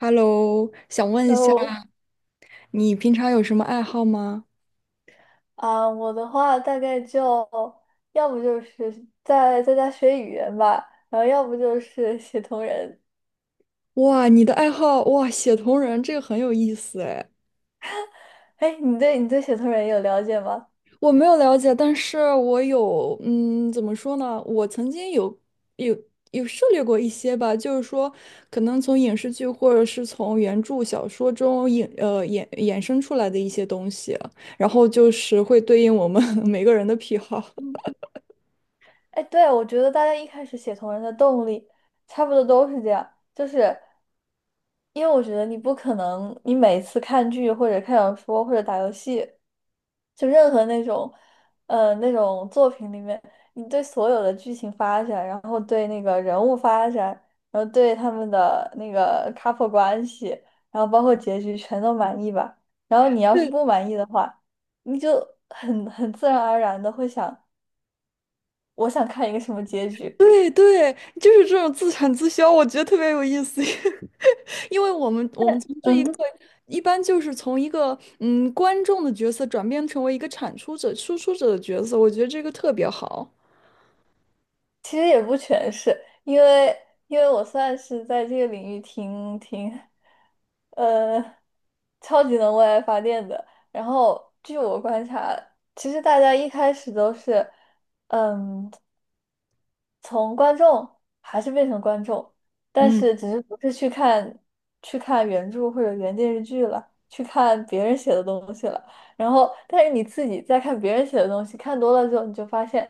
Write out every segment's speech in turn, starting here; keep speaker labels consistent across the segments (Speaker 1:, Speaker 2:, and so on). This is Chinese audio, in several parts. Speaker 1: Hello，想问一
Speaker 2: 然
Speaker 1: 下，
Speaker 2: 后
Speaker 1: 你平常有什么爱好吗？
Speaker 2: 我的话大概就要不就是在家学语言吧，然后要不就是写同人。
Speaker 1: 哇，你的爱好，哇，写同人，这个很有意思哎。
Speaker 2: 哎，你对写同人有了解吗？
Speaker 1: 我没有了解，但是我有，怎么说呢？我曾经有有涉猎过一些吧，就是说，可能从影视剧或者是从原著小说中衍生出来的一些东西，然后就是会对应我们 每个人的癖好。
Speaker 2: 嗯，哎，对，我觉得大家一开始写同人的动力差不多都是这样，就是。因为我觉得你不可能，你每次看剧或者看小说或者打游戏，就任何那种，那种作品里面，你对所有的剧情发展，然后对那个人物发展，然后对他们的那个 couple 关系，然后包括结局全都满意吧。然后你要是 不满意的话，你就很自然而然的会想，我想看一个什么结局。
Speaker 1: 对对，就是这种自产自销，我觉得特别有意思，因为我们从这一刻
Speaker 2: 嗯，
Speaker 1: 一般就是从一个观众的角色转变成为一个产出者、输出者的角色，我觉得这个特别好。
Speaker 2: 其实也不全是，因为我算是在这个领域挺，呃，超级能为爱发电的。然后据我观察，其实大家一开始都是，嗯。从观众还是变成观众，但
Speaker 1: 嗯。
Speaker 2: 是只是不是去看原著或者原电视剧了，去看别人写的东西了。然后，但是你自己在看别人写的东西，看多了之后，你就发现，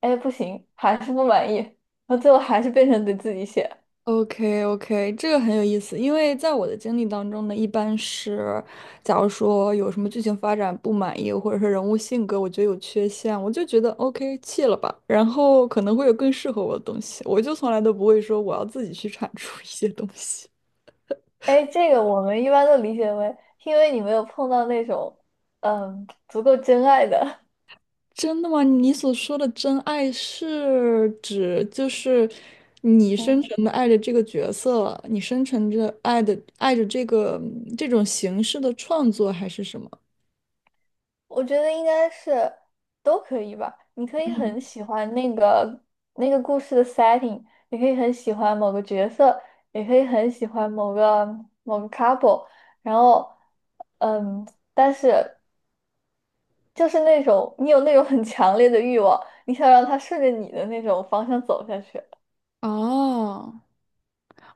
Speaker 2: 哎，不行，还是不满意，然后最后还是变成得自己写。
Speaker 1: OK OK，这个很有意思，因为在我的经历当中呢，一般是，假如说有什么剧情发展不满意，或者是人物性格我觉得有缺陷，我就觉得 OK 弃了吧，然后可能会有更适合我的东西，我就从来都不会说我要自己去产出一些东西。
Speaker 2: 哎，这个我们一般都理解为，因为你没有碰到那种，嗯，足够真爱的，
Speaker 1: 真的吗？你所说的真爱是指就是你 深
Speaker 2: 嗯。
Speaker 1: 沉的爱着这个角色，你深沉着爱的爱着这个这种形式的创作，还是什么？
Speaker 2: 我觉得应该是都可以吧。你可以很喜欢那个故事的 setting,你可以很喜欢某个角色，也可以很喜欢某个 couple。然后，嗯，但是就是那种你有那种很强烈的欲望，你想让它顺着你的那种方向走下去。
Speaker 1: 哦。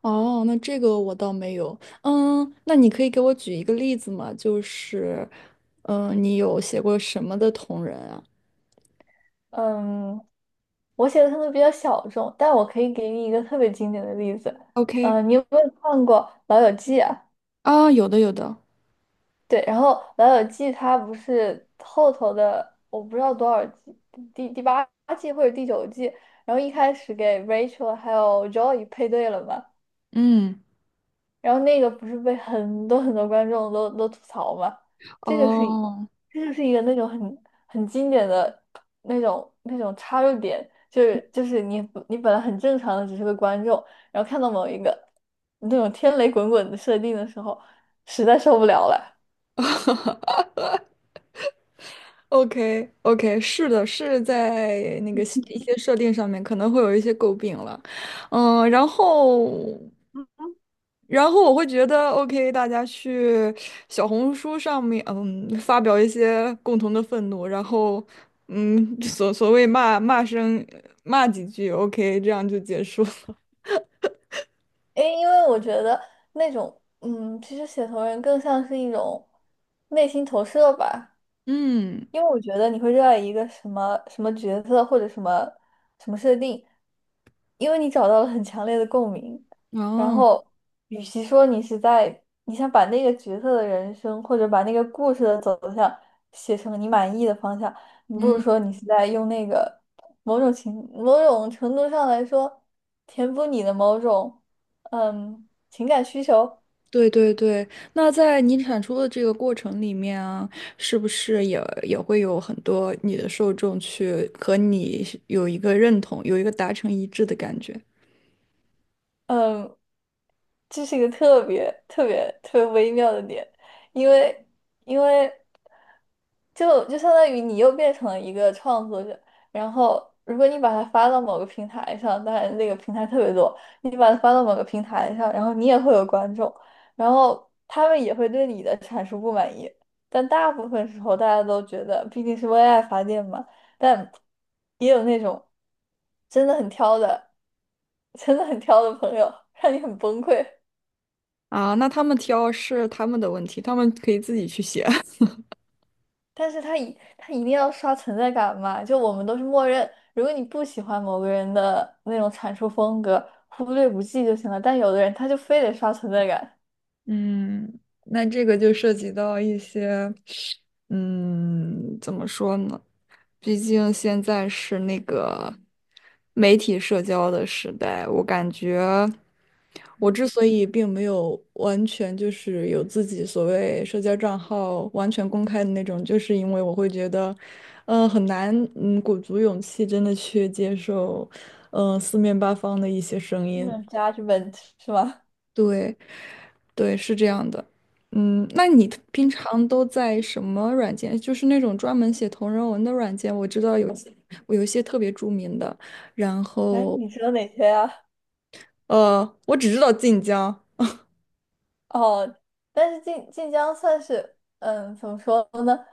Speaker 1: 哦，那这个我倒没有。嗯，那你可以给我举一个例子吗？就是，嗯，你有写过什么的同人啊
Speaker 2: 嗯，我写的可能比较小众，但我可以给你一个特别经典的例子。
Speaker 1: ？OK，
Speaker 2: 嗯，你有没有看过《老友记》啊？
Speaker 1: 啊，有的，有的。
Speaker 2: 对，然后《老友记》它不是后头的，我不知道多少季，第八季或者第九季，然后一开始给 Rachel 还有 Joey 配对了嘛，
Speaker 1: 嗯，
Speaker 2: 然后那个不是被很多很多观众都吐槽嘛，这就是
Speaker 1: 哦
Speaker 2: 这就是一个那种很经典的那种插入点，就是你本来很正常的只是个观众，然后看到某一个那种天雷滚滚的设定的时候，实在受不了了。
Speaker 1: ，OK OK，是的，是在那个一些设定上面可能会有一些诟病了。嗯，然后。然后我会觉得，OK，大家去小红书上面，嗯，发表一些共同的愤怒，然后，嗯，所谓骂几句，OK，这样就结束了。
Speaker 2: 哎，因为我觉得那种，嗯，其实写同人更像是一种内心投射吧。
Speaker 1: 嗯，
Speaker 2: 因为我觉得你会热爱一个什么什么角色或者什么什么设定，因为你找到了很强烈的共鸣。然
Speaker 1: 哦，
Speaker 2: 后，与其说你是在你想把那个角色的人生或者把那个故事的走向写成你满意的方向，你不如
Speaker 1: 嗯，
Speaker 2: 说你是在用那个某种程度上来说填补你的某种情感需求。
Speaker 1: 对对对，那在你产出的这个过程里面啊，是不是也会有很多你的受众去和你是有一个认同，有一个达成一致的感觉？
Speaker 2: 嗯，这是一个特别特别特别微妙的点，因为因为就相当于你又变成了一个创作者，然后如果你把它发到某个平台上，当然那个平台特别多，你把它发到某个平台上，然后你也会有观众，然后他们也会对你的阐述不满意，但大部分时候大家都觉得毕竟是为爱发电嘛，但也有那种真的很挑的，真的很挑的朋友，让你很崩溃。
Speaker 1: 啊，那他们挑是他们的问题，他们可以自己去写。
Speaker 2: 但是他一定要刷存在感嘛，就我们都是默认，如果你不喜欢某个人的那种阐述风格，忽略不计就行了。但有的人他就非得刷存在感，
Speaker 1: 嗯，那这个就涉及到一些，怎么说呢？毕竟现在是那个媒体社交的时代，我感觉我
Speaker 2: 嗯，
Speaker 1: 之所以并没有完全就是有自己所谓社交账号完全公开的那种，就是因为我会觉得，嗯，很难，嗯，鼓足勇气真的去接受，嗯，四面八方的一些声音。
Speaker 2: 那 adjustment 是吗？
Speaker 1: 对，对，是这样的。嗯，那你平常都在什么软件？就是那种专门写同人文的软件，我知道有些我有一些特别著名的。然
Speaker 2: 哎，
Speaker 1: 后，
Speaker 2: 你知道哪些啊？
Speaker 1: 我只知道晋江。
Speaker 2: 哦，但是晋江算是，嗯，怎么说呢？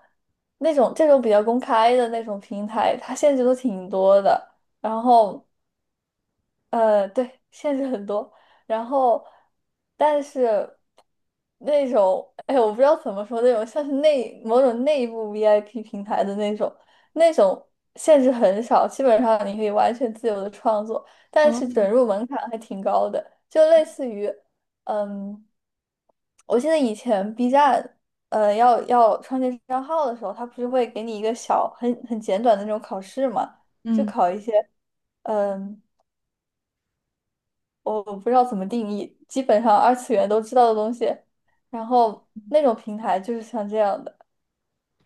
Speaker 2: 那种这种比较公开的那种平台，它限制都挺多的。然后对，限制很多。然后，但是那种，哎，我不知道怎么说，那种像是某种内部 VIP 平台的那种，那种限制很少，基本上你可以完全自由的创作，但
Speaker 1: 哦，
Speaker 2: 是准入门槛还挺高的，就类似于，嗯，我记得以前 B 站，呃，要创建账号的时候，它不是会给你一个小很简短的那种考试嘛，就
Speaker 1: 嗯。
Speaker 2: 考一些。嗯，我不知道怎么定义，基本上二次元都知道的东西，然后那种平台就是像这样的，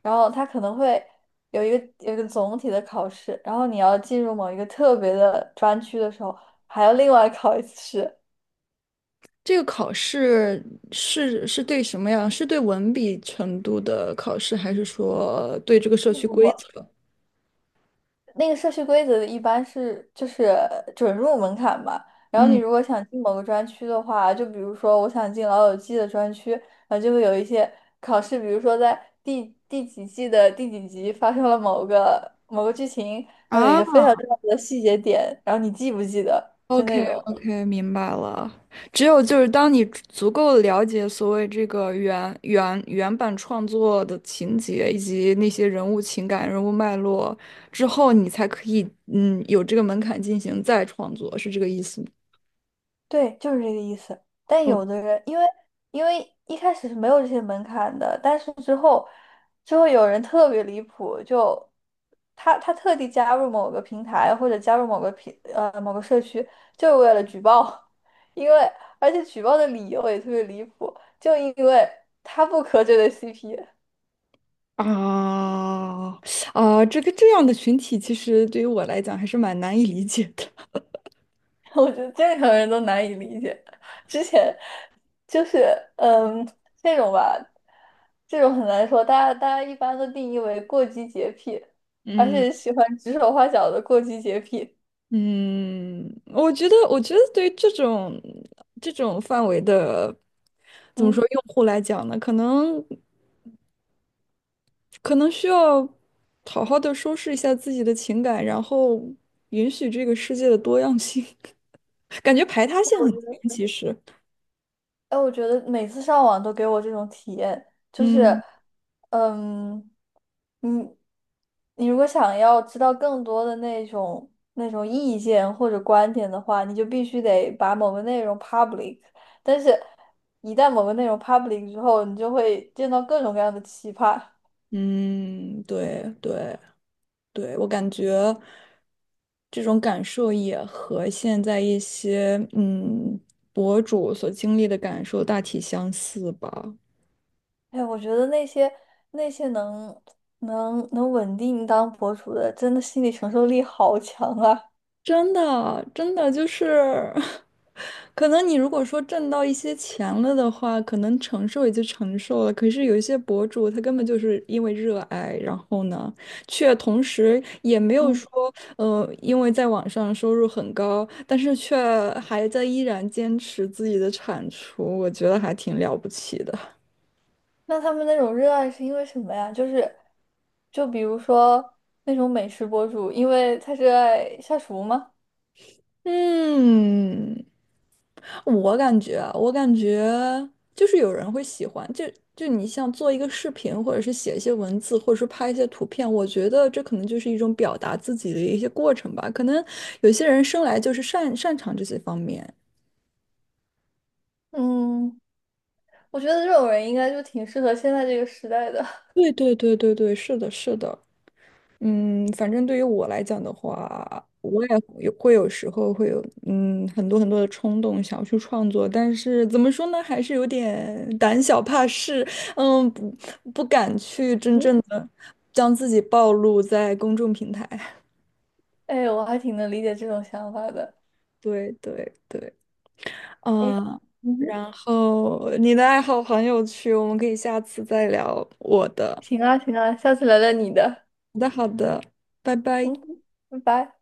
Speaker 2: 然后它可能会有一个总体的考试，然后你要进入某一个特别的专区的时候，还要另外考一次试。
Speaker 1: 这个考试是对什么呀？是对文笔程度的考试，还是说对这个社
Speaker 2: 不
Speaker 1: 区
Speaker 2: 不不。
Speaker 1: 规则？
Speaker 2: 那个社区规则一般是就是准入门槛嘛，然后你
Speaker 1: 嗯，
Speaker 2: 如果想进某个专区的话，就比如说我想进老友记的专区，然后就会有一些考试，比如说在第几季的第几集发生了某个剧情，然后有一个非
Speaker 1: 啊，
Speaker 2: 常重要的细节点，然后你记不记得，就那
Speaker 1: OK
Speaker 2: 种。
Speaker 1: OK，明白了。只有就是当你足够了解所谓这个原版创作的情节以及那些人物情感、人物脉络之后，你才可以有这个门槛进行再创作，是这个意思吗？
Speaker 2: 对，就是这个意思。但
Speaker 1: 哦
Speaker 2: 有的人，因为一开始是没有这些门槛的，但是之后有人特别离谱，就他特地加入某个平台或者加入某个某个社区，就是为了举报，因为而且举报的理由也特别离谱，就因为他不磕这对 CP,
Speaker 1: 啊啊，这个这样的群体，其实对于我来讲还是蛮难以理解的。
Speaker 2: 我觉得正常人都难以理解。之前就是，嗯，这种吧，这种很难说。大家一般都定义为过激洁癖，而
Speaker 1: 嗯。
Speaker 2: 且喜欢指手画脚的过激洁癖。
Speaker 1: 嗯，我觉得，我觉得对于这种范围的，怎么
Speaker 2: 嗯。
Speaker 1: 说，用户来讲呢，可能需要好好的收拾一下自己的情感，然后允许这个世界的多样性，感觉排他性很强，其实。
Speaker 2: 哎，我觉得每次上网都给我这种体验，就是，
Speaker 1: 嗯
Speaker 2: 嗯，你你如果想要知道更多的那种意见或者观点的话，你就必须得把某个内容 public。但是，一旦某个内容 public 之后，你就会见到各种各样的奇葩。
Speaker 1: 嗯，对对对，我感觉这种感受也和现在一些博主所经历的感受大体相似吧。
Speaker 2: 哎，我觉得那些能稳定当博主的，真的心理承受力好强啊！
Speaker 1: 真的，真的就是，可能你如果说挣到一些钱了的话，可能承受也就承受了。可是有一些博主，他根本就是因为热爱，然后呢，却同时也没有说，
Speaker 2: 嗯。
Speaker 1: 因为在网上收入很高，但是却还在依然坚持自己的产出，我觉得还挺了不起的。
Speaker 2: 那他们那种热爱是因为什么呀？就是，就比如说那种美食博主，因为他热爱下厨吗？
Speaker 1: 嗯。我感觉就是有人会喜欢，你像做一个视频，或者是写一些文字，或者是拍一些图片，我觉得这可能就是一种表达自己的一些过程吧。可能有些人生来就是擅长这些方面。
Speaker 2: 嗯，我觉得这种人应该就挺适合现在这个时代的。
Speaker 1: 对对对对对，是的，是的。嗯，反正对于我来讲的话，我也有会有时候会有很多很多的冲动想要去创作，但是怎么说呢，还是有点胆小怕事，嗯，不敢去真
Speaker 2: 嗯，
Speaker 1: 正的将自己暴露在公众平台。
Speaker 2: 哎，我还挺能理解这种想法的。
Speaker 1: 对对对，
Speaker 2: 哎，
Speaker 1: 嗯，
Speaker 2: 嗯哼，
Speaker 1: 然后你的爱好很有趣，我们可以下次再聊我的。
Speaker 2: 行啊，行啊，下次聊聊你的。
Speaker 1: 好的好的，拜拜。
Speaker 2: 嗯哼，拜拜。